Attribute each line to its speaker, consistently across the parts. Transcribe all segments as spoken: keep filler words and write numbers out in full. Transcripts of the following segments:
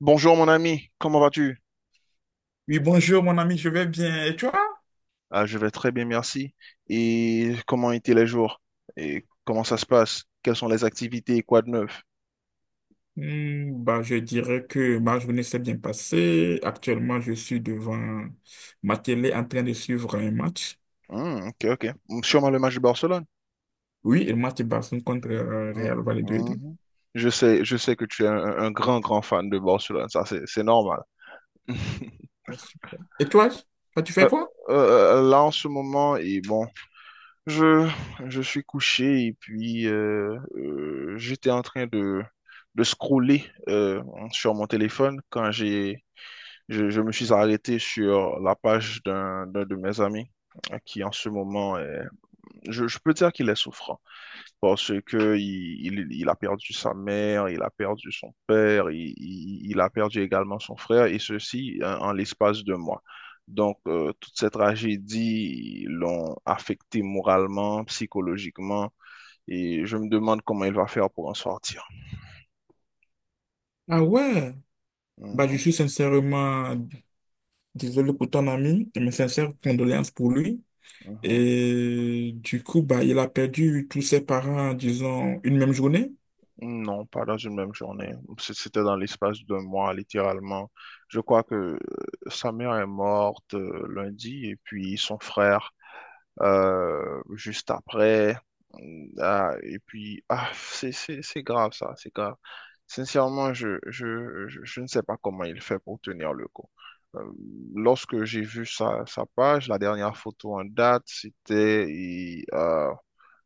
Speaker 1: Bonjour mon ami, comment vas-tu?
Speaker 2: Oui, bonjour mon ami, je vais bien. Et toi?
Speaker 1: Ah, je vais très bien, merci. Et comment étaient les jours? Et comment ça se passe? Quelles sont les activités? Quoi de neuf?
Speaker 2: Hmm, bah, je dirais que ma journée s'est bien passée. Actuellement, je suis devant ma télé en train de suivre un match.
Speaker 1: Hmm, ok, ok. Hmm, sûrement le match de Barcelone.
Speaker 2: Oui, le match de Barcelone contre euh,
Speaker 1: Hmm,
Speaker 2: Real Valladolid.
Speaker 1: mhm. Je sais, je sais que tu es un, un grand, grand fan de Barcelone, ça c'est c'est normal.
Speaker 2: Ah, super. Et toi? Toi, tu fais
Speaker 1: Euh,
Speaker 2: quoi?
Speaker 1: euh, là en ce moment, et bon, je, je suis couché et puis euh, euh, j'étais en train de, de scroller euh, sur mon téléphone quand j'ai Je, je me suis arrêté sur la page d'un d'un de mes amis euh, qui en ce moment est- je, je peux dire qu'il est souffrant parce que il, il, il a perdu sa mère, il a perdu son père, il, il- il a perdu également son frère et ceci euh, en, l'espace de mois. Donc, euh, toutes ces tragédies l'ont affecté moralement, psychologiquement, et je me demande comment il va faire pour en sortir.
Speaker 2: Ah ouais. Bah, je
Speaker 1: Mhm,
Speaker 2: suis sincèrement désolé pour ton ami, mes sincères condoléances pour lui.
Speaker 1: mhm.
Speaker 2: Et du coup, bah, il a perdu tous ses parents, disons, une même journée.
Speaker 1: Non, pas dans une même journée. C- C'était dans l'espace d'un mois, littéralement. Je crois que euh, sa mère est morte euh, lundi et puis son frère euh, juste après. Mmh, ah, et puis, ah, c'est c'est- c'est grave ça, c'est grave. Sincèrement, je, je, je, je ne sais pas comment il fait pour tenir le coup. Euh, lorsque j'ai vu sa, sa page, la dernière photo en date, c'était...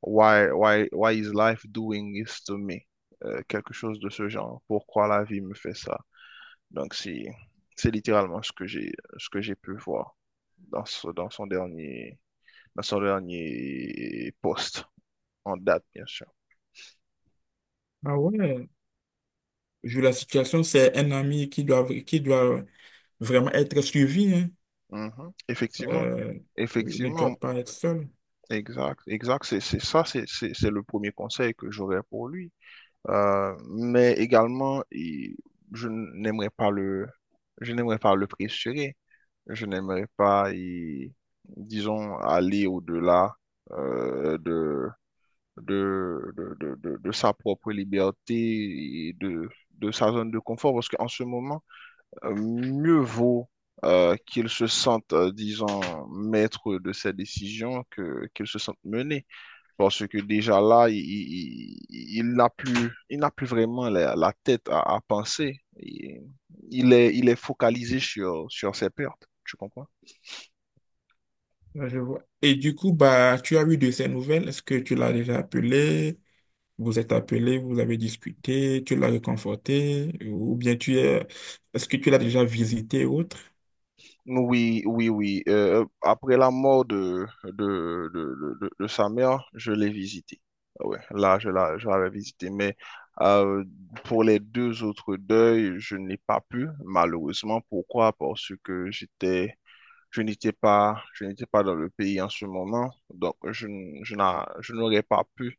Speaker 1: Why, why, why is life doing this to me? Euh, quelque chose de ce genre. Pourquoi la vie me fait ça? Donc, si, c'est littéralement ce que j'ai, ce que j'ai pu voir dans ce- dans son dernier, dans son dernier post en date, bien sûr.
Speaker 2: Ah ouais. Vu la situation, c'est un ami qui doit, qui doit vraiment être suivi, hein.
Speaker 1: Mhm. Effectivement,
Speaker 2: Euh, oui, il ne
Speaker 1: effectivement,
Speaker 2: doit pas être seul.
Speaker 1: exact, exact. C'est, c'est ça, c'est, c'est, c'est le premier conseil que j'aurais pour lui. Euh, mais également, il- je n'aimerais pas le, je n'aimerais pas le pressurer. Je n'aimerais pas, y- disons, aller au-delà euh, de, de, de, de, de- de sa propre liberté et de, de sa zone de confort, parce qu'en ce moment, euh, mieux vaut euh, qu'il se sente, euh, disons, maître de ses décisions que qu'il se sente mené, parce que déjà là, il, il, il- il n'a plus, il n'a plus vraiment la, la tête à, à penser. Il, il est, il est focalisé sur, sur ses pertes, tu comprends?
Speaker 2: Là, je vois. Et du coup, bah, tu as eu de ses nouvelles. Est-ce que tu l'as déjà appelé? Vous êtes appelé, vous avez discuté, tu l'as réconforté, ou bien tu es, est-ce que tu l'as déjà visité ou autre?
Speaker 1: Oui, oui, oui. Euh, après la mort de, de, de, de, de- de sa mère, je l'ai visité. Ah ouais, là, je la, je l'avais visité. Mais euh, pour les deux autres deuils, je n'ai pas pu, malheureusement. Pourquoi? Parce que j'étais, je n'étais pas, je n'étais pas dans le pays en ce moment. Donc, je, n- je n'a- je n'aurais pas pu,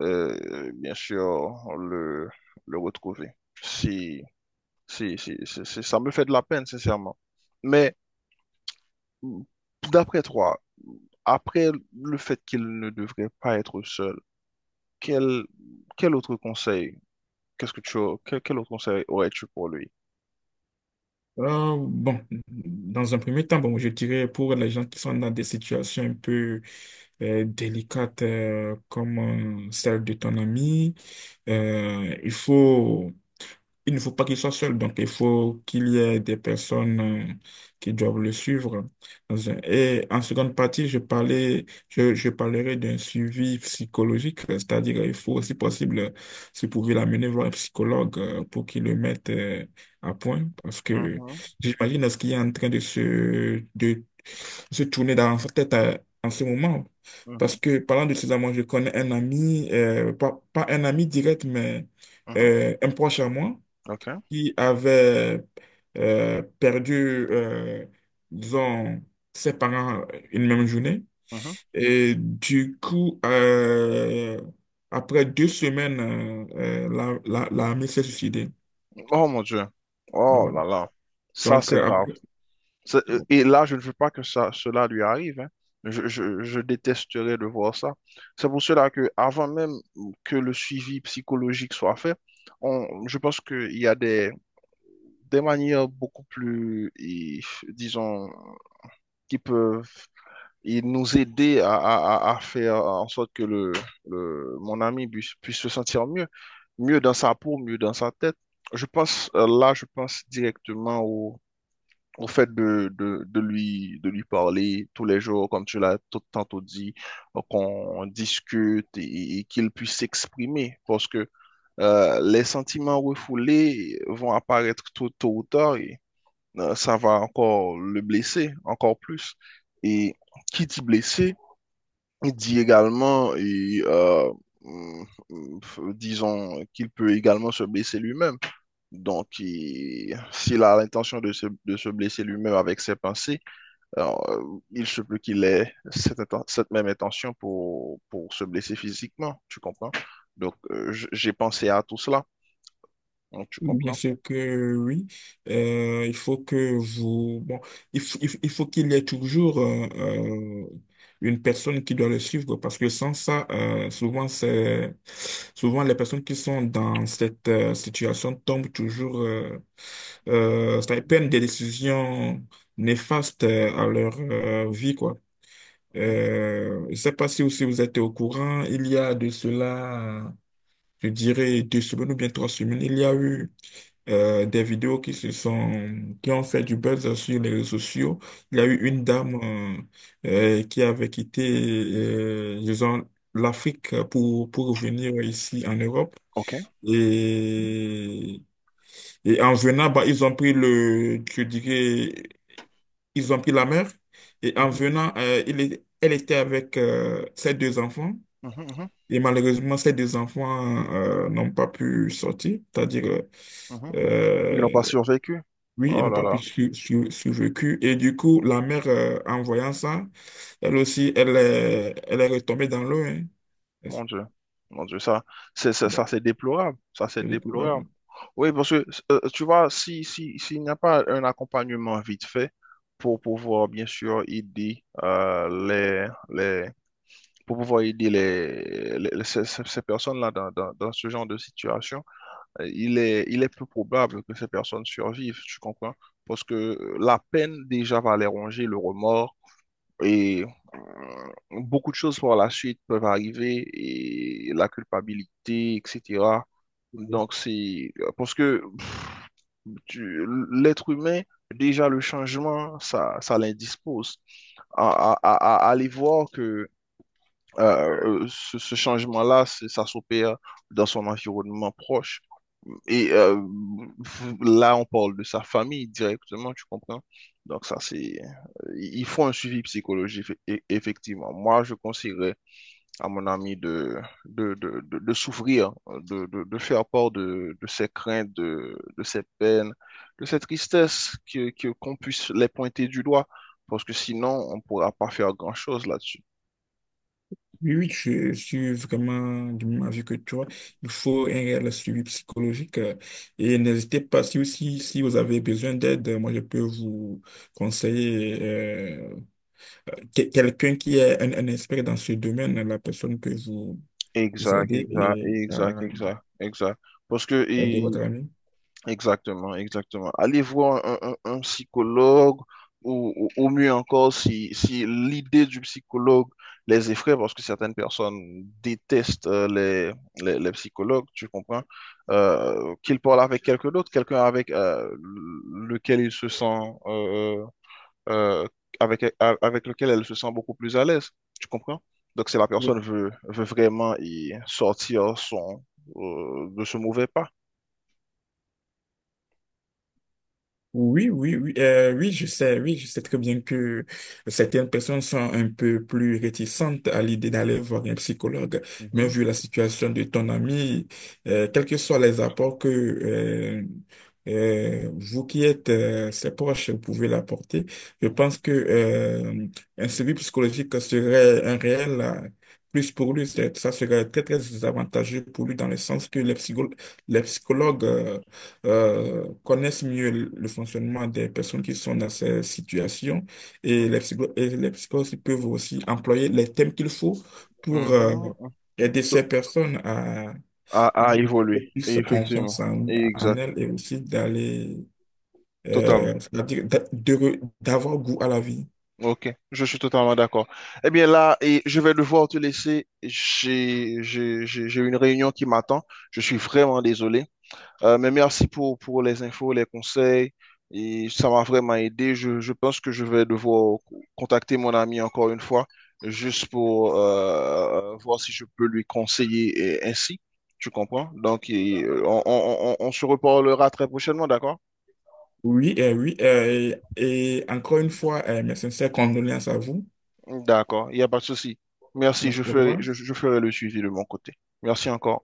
Speaker 1: euh, bien sûr, le, le retrouver. Si, si, si, si- si- ça me fait de la peine, sincèrement. Mais d'après toi, après le fait qu'il ne devrait pas être seul, quel, quel autre conseil, qu'est-ce que tu, as- quel, quel autre conseil aurais-tu pour lui?
Speaker 2: Euh, bon, dans un premier temps, bon, je dirais pour les gens qui sont dans des situations un peu euh, délicates euh, comme euh, celle de ton ami, euh, il faut il ne faut pas qu'il soit seul, donc il faut qu'il y ait des personnes euh, qui doivent le suivre. Dans un- Et en seconde partie, je parlais, je, je parlerai d'un suivi psychologique, c'est-à-dire il faut, si possible, si vous pouvez l'amener voir un psychologue euh, pour qu'il le mette euh, à point, parce que
Speaker 1: Mhm,
Speaker 2: j'imagine ce qui est en train de se, de se tourner dans sa tête euh, en ce moment. Parce
Speaker 1: mhm,
Speaker 2: que parlant de ces amants, je connais un ami, euh, pas, pas un ami direct, mais
Speaker 1: mhm,
Speaker 2: euh, un proche à moi
Speaker 1: ok,
Speaker 2: qui avait euh, perdu, euh, disons, ses parents euh, une même journée.
Speaker 1: mhm.
Speaker 2: Et du coup, euh, après deux semaines, euh, euh, la, la, l'armée s'est suicidée.
Speaker 1: Oh mon Dieu. Oh
Speaker 2: Ouais.
Speaker 1: là là. Ça,
Speaker 2: Donc,
Speaker 1: c'est
Speaker 2: euh,
Speaker 1: grave.
Speaker 2: après,
Speaker 1: C'est- euh, Et là, je ne veux pas que ça, cela lui arrive, hein. Je, je, je détesterais de voir ça. C'est pour cela que, avant même que le suivi psychologique soit fait, on, je pense qu'il y a des des manières beaucoup plus, et, disons, qui peuvent et nous aider à, à- à- à faire en sorte que le, le- mon ami puisse, puisse se sentir mieux, mieux dans sa peau, mieux dans sa tête. Je pense, euh, là, je pense directement au, au fait de, de, de lui, de lui parler tous les jours, comme tu l'as tout tantôt dit, euh, qu'on discute et, et qu'il puisse s'exprimer, parce que euh, les sentiments refoulés vont apparaître tôt, tôt ou tard, euh, ça va encore le blesser, encore plus. Et qui dit blessé, il dit également, et, euh, mm, mm, disons, qu'il peut également se blesser lui-même. Donc, il- s'il a l'intention de se, de se blesser lui-même avec ses pensées, alors, euh, il se peut qu'il ait cette, cette même intention pour, pour se blesser physiquement, tu comprends? Donc, euh, j- j'ai pensé à tout cela. Donc, tu
Speaker 2: bien
Speaker 1: comprends?
Speaker 2: sûr que oui. Euh, il faut que vous... Bon, il, f- il f- il faut qu'il y ait toujours euh, euh, une personne qui doit le suivre parce que sans ça, euh, souvent, c'est... souvent les personnes qui sont dans cette euh, situation tombent toujours... Euh, euh, ça, ils prennent des décisions néfastes euh, à leur euh, vie, quoi.
Speaker 1: Mhm,
Speaker 2: Euh, je sais pas si aussi vous êtes au courant, il y a de cela, je dirais, deux semaines ou bien trois semaines, il y a eu euh, des vidéos qui se sont, qui ont fait du buzz sur les réseaux sociaux. Il y a eu
Speaker 1: mhm.
Speaker 2: une dame euh, euh, qui avait quitté, euh, disons, l'Afrique pour, pour revenir ici en Europe.
Speaker 1: OK.
Speaker 2: Et, et en venant, bah, ils ont pris le, je dirais, ils ont pris la mer. Et en
Speaker 1: Mhm,
Speaker 2: venant, euh, il est- elle était avec euh, ses deux enfants.
Speaker 1: mhm, mhm,
Speaker 2: Et malheureusement, ces deux enfants euh, n'ont pas pu sortir, c'est-à-dire
Speaker 1: mhm. Ils n'ont pas
Speaker 2: euh,
Speaker 1: survécu.
Speaker 2: oui, ils
Speaker 1: Oh
Speaker 2: n'ont
Speaker 1: là
Speaker 2: pas pu
Speaker 1: là,
Speaker 2: su- su- survécu. Et du coup, la mère, euh, en voyant ça, elle aussi, elle est, elle est retombée dans l'eau, hein.
Speaker 1: mon Dieu. Mon Dieu, ça, c'est, ça, ça,
Speaker 2: Donc,
Speaker 1: c'est déplorable. Ça, c'est
Speaker 2: c'est
Speaker 1: déplorable.
Speaker 2: déplorable.
Speaker 1: Oui, parce que, euh, tu vois, si, si, s'il n'y a pas un accompagnement vite fait pour pouvoir, bien sûr, aider, euh, les, les, pour pouvoir aider les, les- les- ces, ces- ces personnes-là dans, dans, dans ce genre de situation, euh, il est, il est peu probable que ces personnes survivent, tu comprends? Parce que la peine déjà va les ronger, le remords. Et euh, beaucoup de choses par la suite peuvent arriver et la culpabilité, et cetera. Donc c'est euh, parce que pff, tu- l'être humain, déjà le changement, ça, ça l'indispose. À, à- à- à aller voir que euh, euh, ce, ce changement-là, c'est- ça s'opère dans son environnement proche et euh, là, on parle de sa famille directement, tu comprends? Donc ça, c'est... euh, il faut un suivi psychologique, eff- effectivement. Moi, je conseillerais à mon ami de, de, de, de, de s'ouvrir, de, de, de faire part de, de ses craintes, de, de ses peines, de ses tristesses, que, que, qu'on puisse les pointer du doigt, parce que sinon, on ne pourra pas faire grand-chose là-dessus.
Speaker 2: Oui, oui, je suis vraiment du même avis que toi. Il faut un réel suivi psychologique. euh, Et n'hésitez pas, si, si, si vous avez besoin d'aide, euh, moi, je peux vous conseiller euh, que- quelqu'un qui est un, un expert dans ce domaine. La personne peut vous vous
Speaker 1: Exact,
Speaker 2: aidez
Speaker 1: exact,
Speaker 2: et
Speaker 1: exact,
Speaker 2: euh,
Speaker 1: exact, exact. Parce que,
Speaker 2: aider votre
Speaker 1: et-
Speaker 2: ami.
Speaker 1: exactement, exactement. Allez voir un, un- un psychologue ou, ou- ou mieux encore si, si l'idée du psychologue les effraie, parce que certaines personnes détestent euh, les, les, les psychologues, tu comprends, euh, qu'ils parlent avec quelqu'un d'autre, quelqu'un avec euh, lequel ils se sentent euh, avec, a- avec lequel elle se sent beaucoup plus à l'aise. Tu comprends? Donc, si la personne veut, veut vraiment y sortir son, euh, de ce mauvais pas.
Speaker 2: Oui, oui, oui, euh, oui, je sais, oui, je sais très bien que certaines personnes sont un peu plus réticentes à l'idée d'aller voir un psychologue, mais
Speaker 1: Mhm,
Speaker 2: vu la situation de ton ami, euh, quels que soient les apports que euh, euh, vous qui êtes euh, ses proches pouvez l'apporter, je
Speaker 1: mhm,
Speaker 2: pense que euh, un suivi psychologique serait un réel euh, plus pour lui. C'est- ça serait très, très avantageux pour lui dans le sens que les psychologues, les psychologues euh, euh, connaissent mieux le le fonctionnement des personnes qui sont dans ces situations et
Speaker 1: mhm,
Speaker 2: les psycho- et les psychologues peuvent aussi employer les thèmes qu'il faut pour
Speaker 1: mhm,
Speaker 2: euh,
Speaker 1: mhm.
Speaker 2: aider ces
Speaker 1: To-
Speaker 2: personnes à,
Speaker 1: À,
Speaker 2: à avoir
Speaker 1: à
Speaker 2: un peu
Speaker 1: évoluer,
Speaker 2: plus confiance
Speaker 1: effectivement.
Speaker 2: en, en
Speaker 1: Exact,
Speaker 2: elles et aussi d'aller, euh,
Speaker 1: totalement.
Speaker 2: c'est-à-dire d'a- de re- d'avoir goût à la vie.
Speaker 1: Ok, je suis totalement d'accord. Eh bien là, et je vais devoir te laisser. J'ai, j'ai, j'ai j'ai une réunion qui m'attend. Je suis vraiment désolé. Euh, mais merci pour, pour les infos, les conseils. Et ça m'a vraiment aidé. Je, je pense que je vais devoir co- contacter mon ami encore une fois, juste pour euh, voir si je peux lui conseiller et ainsi. Tu comprends? Donc, et, euh, on, on on- on se reparlera très prochainement, d'accord?
Speaker 2: Oui, et oui, euh, et, et encore une fois, euh, mes sincères condoléances à vous.
Speaker 1: D'accord, il n'y a pas de souci. Merci, je
Speaker 2: Merci, au
Speaker 1: ferai,
Speaker 2: revoir.
Speaker 1: je, je ferai le suivi de mon côté. Merci encore.